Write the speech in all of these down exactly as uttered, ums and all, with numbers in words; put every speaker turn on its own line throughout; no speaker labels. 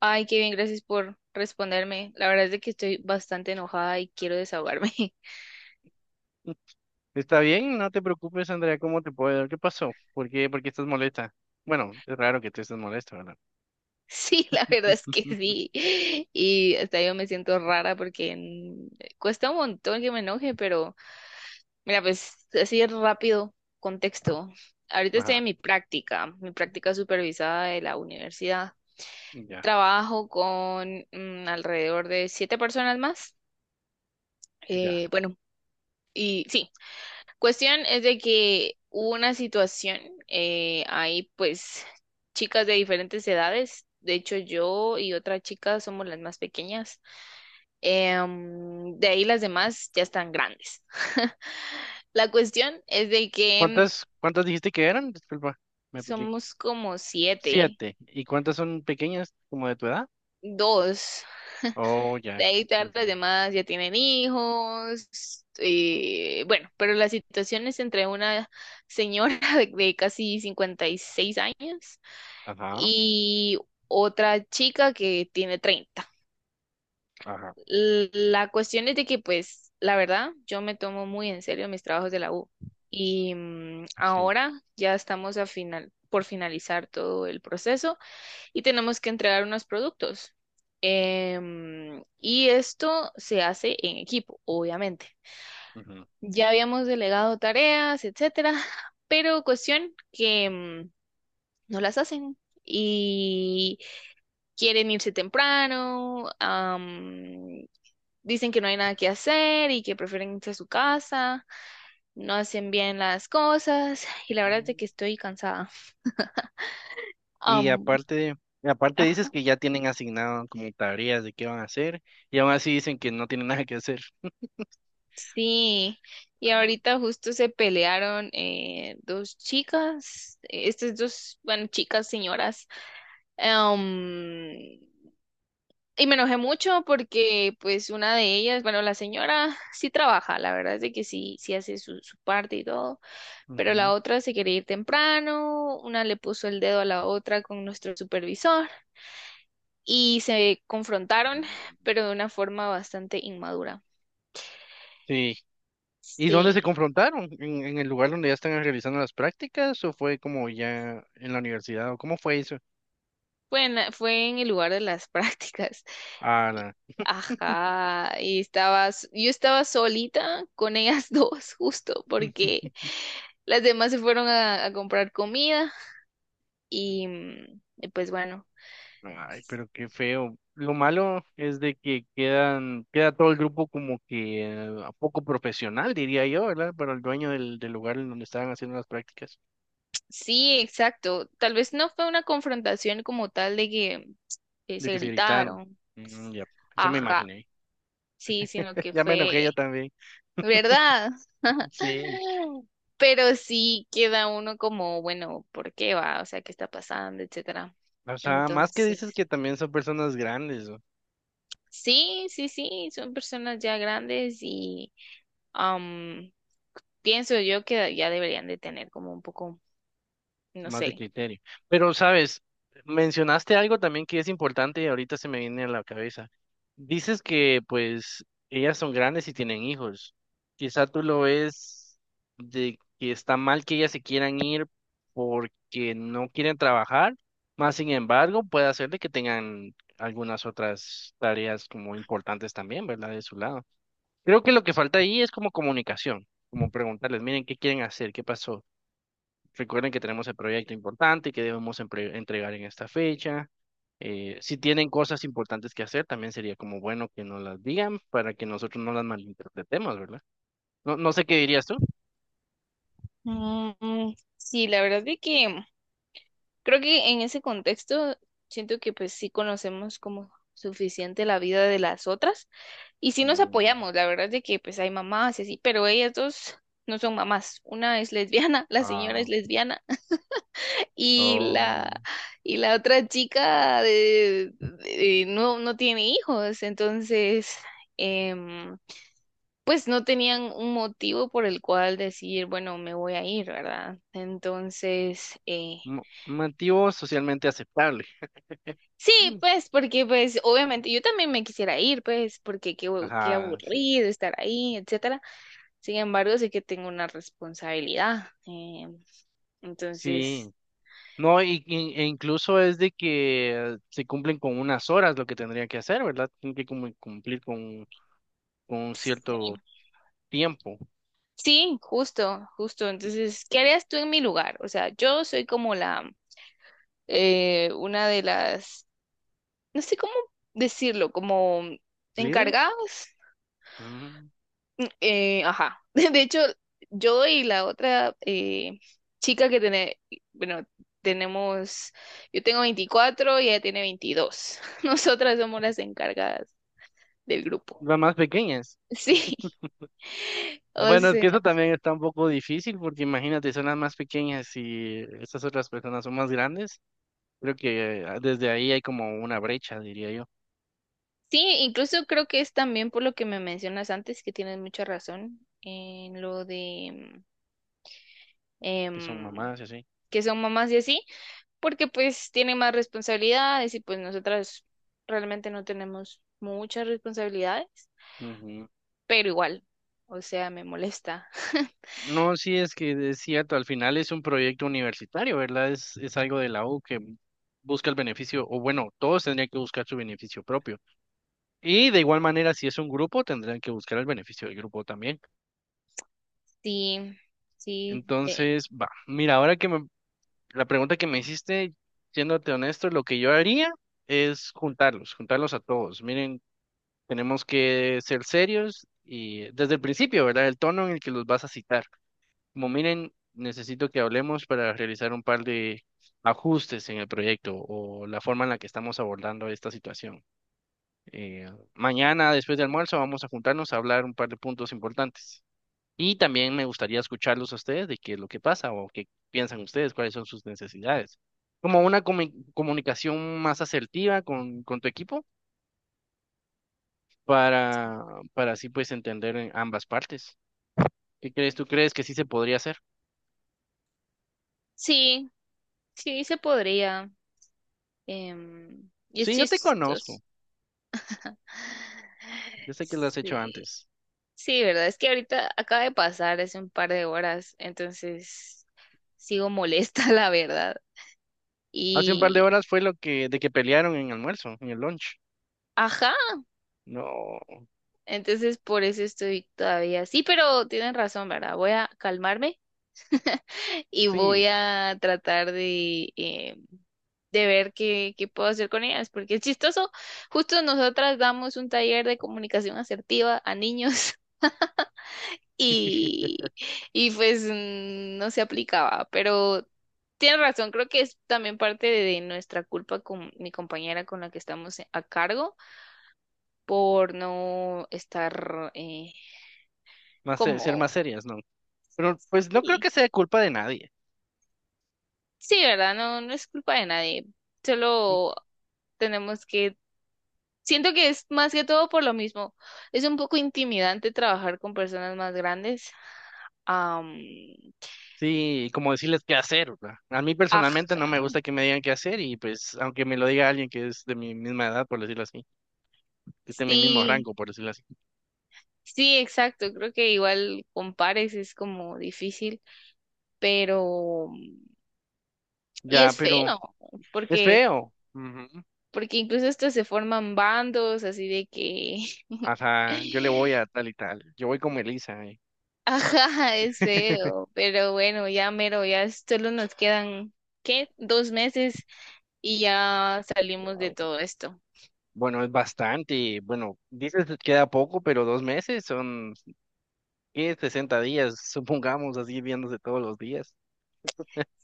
Ay, qué bien, gracias por responderme. La verdad es de que estoy bastante enojada y quiero desahogarme.
Está bien, no te preocupes, Andrea, ¿cómo te puedo ayudar? ¿Qué pasó? ¿Por qué, por qué estás molesta? Bueno, es raro que te estés molesta, ¿verdad?
Sí, la verdad es que sí. Y hasta yo me siento rara porque mm, cuesta un montón que me enoje, pero mira, pues así rápido, contexto. Ahorita
Ajá,
estoy en mi práctica, mi práctica supervisada de la universidad.
ya,
Trabajo con mm, alrededor de siete personas más.
ya.
Eh, bueno, y sí. Cuestión es de que hubo una situación, eh, hay pues chicas de diferentes edades, de hecho yo y otra chica somos las más pequeñas, em, de ahí las demás ya están grandes. La cuestión es de que
¿Cuántas, cuántas dijiste que eran? Disculpa, me equivoqué.
somos como siete,
Siete. ¿Y cuántas son pequeñas, como de tu edad?
dos,
Oh, ya.
de ahí todas las
Ujú.
demás ya tienen hijos, eh, bueno, pero la situación es entre una señora de de casi cincuenta y seis años
Ajá,
y otra chica que tiene treinta.
ajá,
L- La cuestión es de que, pues, la verdad, yo me tomo muy en serio mis trabajos de la U. Y mm,
sí.
ahora ya estamos a final, por finalizar todo el proceso y tenemos que entregar unos productos. Em, y esto se hace en equipo, obviamente.
Ujú.
Ya habíamos delegado tareas, etcétera, pero cuestión que mm, no las hacen. Y quieren irse temprano, am, dicen que no hay nada que hacer y que prefieren irse a su casa, no hacen bien las cosas y la verdad
Ujú.
es que estoy cansada.
Y
Am,
aparte, y aparte dices
Ah,
que ya tienen asignado como tareas de qué van a hacer, y aún así dicen que no tienen nada que hacer.
sí, y
Ah,
ahorita justo se pelearon eh, dos chicas, eh, estas dos, bueno, chicas, señoras. am, y me enojé mucho porque pues una de ellas, bueno, la señora sí trabaja, la verdad es de que sí, sí hace su, su parte y todo, pero la
ujú.
otra se quería ir temprano, una le puso el dedo a la otra con nuestro supervisor y se confrontaron, pero de una forma bastante inmadura.
Sí. ¿Y dónde se
Sí.
confrontaron? ¿En, en el lugar donde ya están realizando las prácticas o fue como ya en la universidad o cómo fue eso?
Fue en, fue en el lugar de las prácticas.
Ah, la-
Ajá, y estabas, yo estaba solita con ellas dos, justo, porque las demás se fueron a, a comprar comida y, mm, y pues bueno,
Ay, pero qué feo. Lo malo es de que quedan, queda todo el grupo como que eh, poco profesional, diría yo, ¿verdad? Para el dueño del, del lugar en donde estaban haciendo las prácticas,
sí, exacto. Tal vez no fue una confrontación como tal de que eh,
de
se
que se gritaron.
gritaron.
Mm. Ya, eso me
Ajá.
imaginé.
Sí, sino que
Ya me
fue,
enojé yo también.
¿verdad?
Sí.
Pero sí queda uno como, bueno, ¿por qué va? O sea, ¿qué está pasando? Etcétera.
O sea, más que dices
Entonces,
que también son personas grandes,
sí, sí, sí, son personas ya grandes y am, pienso yo que ya deberían de tener como un poco, no
más de
sé.
criterio. Pero, sabes, mencionaste algo también que es importante y ahorita se me viene a la cabeza. Dices que, pues, ellas son grandes y tienen hijos. Quizá tú lo ves de que está mal que ellas se quieran ir porque no quieren trabajar, más sin embargo, puede hacer de que tengan algunas otras tareas como importantes también, ¿verdad? De su lado. Creo que lo que falta ahí es como comunicación, como preguntarles, miren, ¿qué quieren hacer? ¿Qué pasó? Recuerden que tenemos el proyecto importante que debemos empre- entregar en esta fecha. Eh, si tienen cosas importantes que hacer, también sería como bueno que nos las digan para que nosotros no las malinterpretemos, ¿verdad? No, no sé qué dirías tú.
Mm, sí, la verdad es que creo que en ese contexto siento que pues sí conocemos como suficiente la vida de las otras y sí nos
Mm,
apoyamos, la verdad es de que pues hay mamás y así, pero ellas dos no son mamás, una es lesbiana, la señora
ah,
es lesbiana y la
oh,
y la otra chica de- de- no no tiene hijos, entonces, em, pues no tenían un motivo por el cual decir, bueno, me voy a ir, ¿verdad? Entonces, eh,
mo- motivo socialmente aceptable.
sí,
Mm.
pues, porque pues obviamente yo también me quisiera ir, pues, porque qué, hue- qué
Ajá, sí.
aburrido estar ahí, etcétera. Sin embargo, sé que tengo una responsabilidad. eh, entonces,
Sí. No, y, y- e incluso es de que eh, se cumplen con unas horas lo que tendrían que hacer, ¿verdad? Tienen que cum- cumplir con, con un cierto
sí.
tiempo.
Sí, justo, justo. Entonces, ¿qué harías tú en mi lugar? O sea, yo soy como la, eh, una de las, no sé cómo decirlo, como encargadas.
¿Líderes? Mm.
Eh, ajá. De hecho, yo y la otra eh, chica que tiene, bueno, tenemos, yo tengo veinticuatro y ella tiene veintidós. Nosotras somos las encargadas del grupo.
Las más pequeñas.
Sí, o
Bueno, es
sea,
que eso también está un poco difícil porque imagínate, son las más pequeñas y estas otras personas son más grandes. Creo que eh, desde ahí hay como una brecha, diría yo,
sí, incluso creo que es también por lo que me mencionas antes, que tienes mucha razón en lo de
que son
em,
mamás y así.
que son mamás y así, porque pues tienen más responsabilidades y pues nosotras realmente no tenemos muchas responsabilidades.
Ujú.
Pero igual, o sea, me molesta.
No, sí, es que es cierto, al final es un proyecto universitario, ¿verdad? Es, es algo de la U que busca el beneficio, o bueno, todos tendrían que buscar su beneficio propio. Y de igual manera, si es un grupo, tendrán que buscar el beneficio del grupo también.
Sí, sí, eh,
Entonces, va, mira, ahora que me La pregunta que me hiciste, siéndote honesto, lo que yo haría es juntarlos, juntarlos a todos. Miren, tenemos que ser serios y desde el principio, ¿verdad? El tono en el que los vas a citar. Como miren, necesito que hablemos para realizar un par de ajustes en el proyecto o la forma en la que estamos abordando esta situación. Eh, mañana, después de almuerzo, vamos a juntarnos a hablar un par de puntos importantes. Y también me gustaría escucharlos a ustedes de qué es lo que pasa o qué piensan ustedes, cuáles son sus necesidades. Como una comu- comunicación más asertiva con, con tu equipo para, para así pues entender en ambas partes. ¿Qué crees? ¿Tú crees que sí se podría hacer?
sí, sí se podría. Em, y es
Sí, yo te
chistoso.
conozco. Yo sé que lo has hecho
Sí,
antes.
sí, verdad, es que ahorita acaba de pasar hace un par de horas, entonces sigo molesta, la verdad.
Hace un par de
Y,
horas fue lo que, de que pelearon en almuerzo, en el lunch.
ajá,
No,
entonces por eso estoy todavía. Sí, pero tienen razón, ¿verdad? Voy a calmarme y voy
sí.
a tratar de eh, de ver qué, qué puedo hacer con ellas, porque es chistoso. Justo nosotras damos un taller de comunicación asertiva a niños y, y pues mm, no se aplicaba, pero tienes razón, creo que es también parte de nuestra culpa con mi compañera con la que estamos a cargo por no estar eh,
Más, se- ser
como...
más serias, ¿no? Pero pues no creo
Sí,
que sea culpa de nadie.
sí, ¿verdad? No, no es culpa de nadie, solo tenemos que… Siento que es más que todo por lo mismo. Es un poco intimidante trabajar con personas más grandes. Am,
Sí, como decirles qué hacer, ¿verdad? A mí personalmente no me
ajá.
gusta que me digan qué hacer y pues aunque me lo diga alguien que es de mi misma edad, por decirlo así, que esté en mi mismo
Sí,
rango, por decirlo así.
sí, exacto. Creo que igual con pares es como difícil, pero… y
Ya,
es
pero
feo,
es
porque
feo. Ujú.
porque incluso hasta se forman bandos así de que…
Ajá, yo le voy a tal y tal. Yo voy como Elisa. eh.
ajá, es feo, pero bueno, ya mero, ya solo nos quedan ¿qué? Dos meses y ya salimos de
Wow.
todo esto.
Bueno, es bastante. Bueno, dices que queda poco, pero dos meses son ¿qué? sesenta días, supongamos, así viéndose todos los días.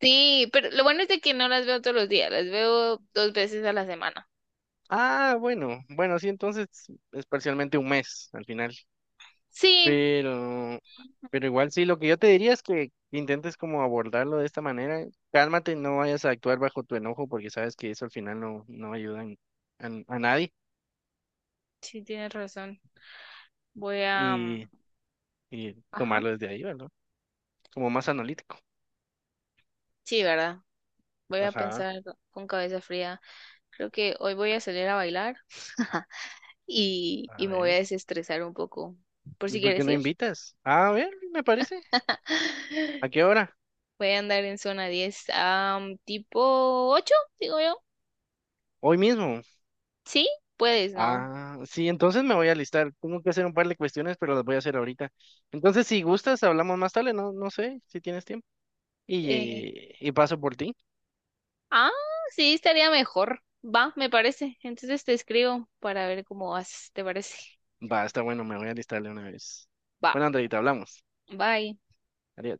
Sí, pero lo bueno es de que no las veo todos los días, las veo dos veces a la semana.
Ah, bueno, bueno, sí, entonces es parcialmente un mes al final.
Sí,
Pero, pero igual sí, lo que yo te diría es que intentes como abordarlo de esta manera. Cálmate, no vayas a actuar bajo tu enojo porque sabes que eso al final no, no ayuda en- en- a, nadie
sí, tienes razón. Voy a... mm,
y, y
ajá.
tomarlo desde ahí, ¿verdad? Como más analítico.
Sí, ¿verdad? Voy a
Ajá,
pensar con cabeza fría. Creo que hoy voy a salir a bailar y,
a
y me voy a
ver.
desestresar un poco, por
¿Y
si
por qué
quieres
no
ir.
invitas? A ver, me parece. ¿A qué hora?
Voy a andar en zona diez, am, tipo ocho, digo yo.
Hoy mismo.
Sí, puedes, ¿no?
Ah, sí, entonces me voy a alistar. Tengo que hacer un par de cuestiones, pero las voy a hacer ahorita. Entonces, si gustas, hablamos más tarde, no, no sé si tienes tiempo. Y,
Eh,
eh, y paso por ti.
Ah, sí, estaría mejor. Va, me parece. Entonces te escribo para ver cómo vas, ¿te parece?
Va, está bueno, me voy a alistar de una vez.
Va,
Bueno, Andreita, hablamos.
bye.
Adiós.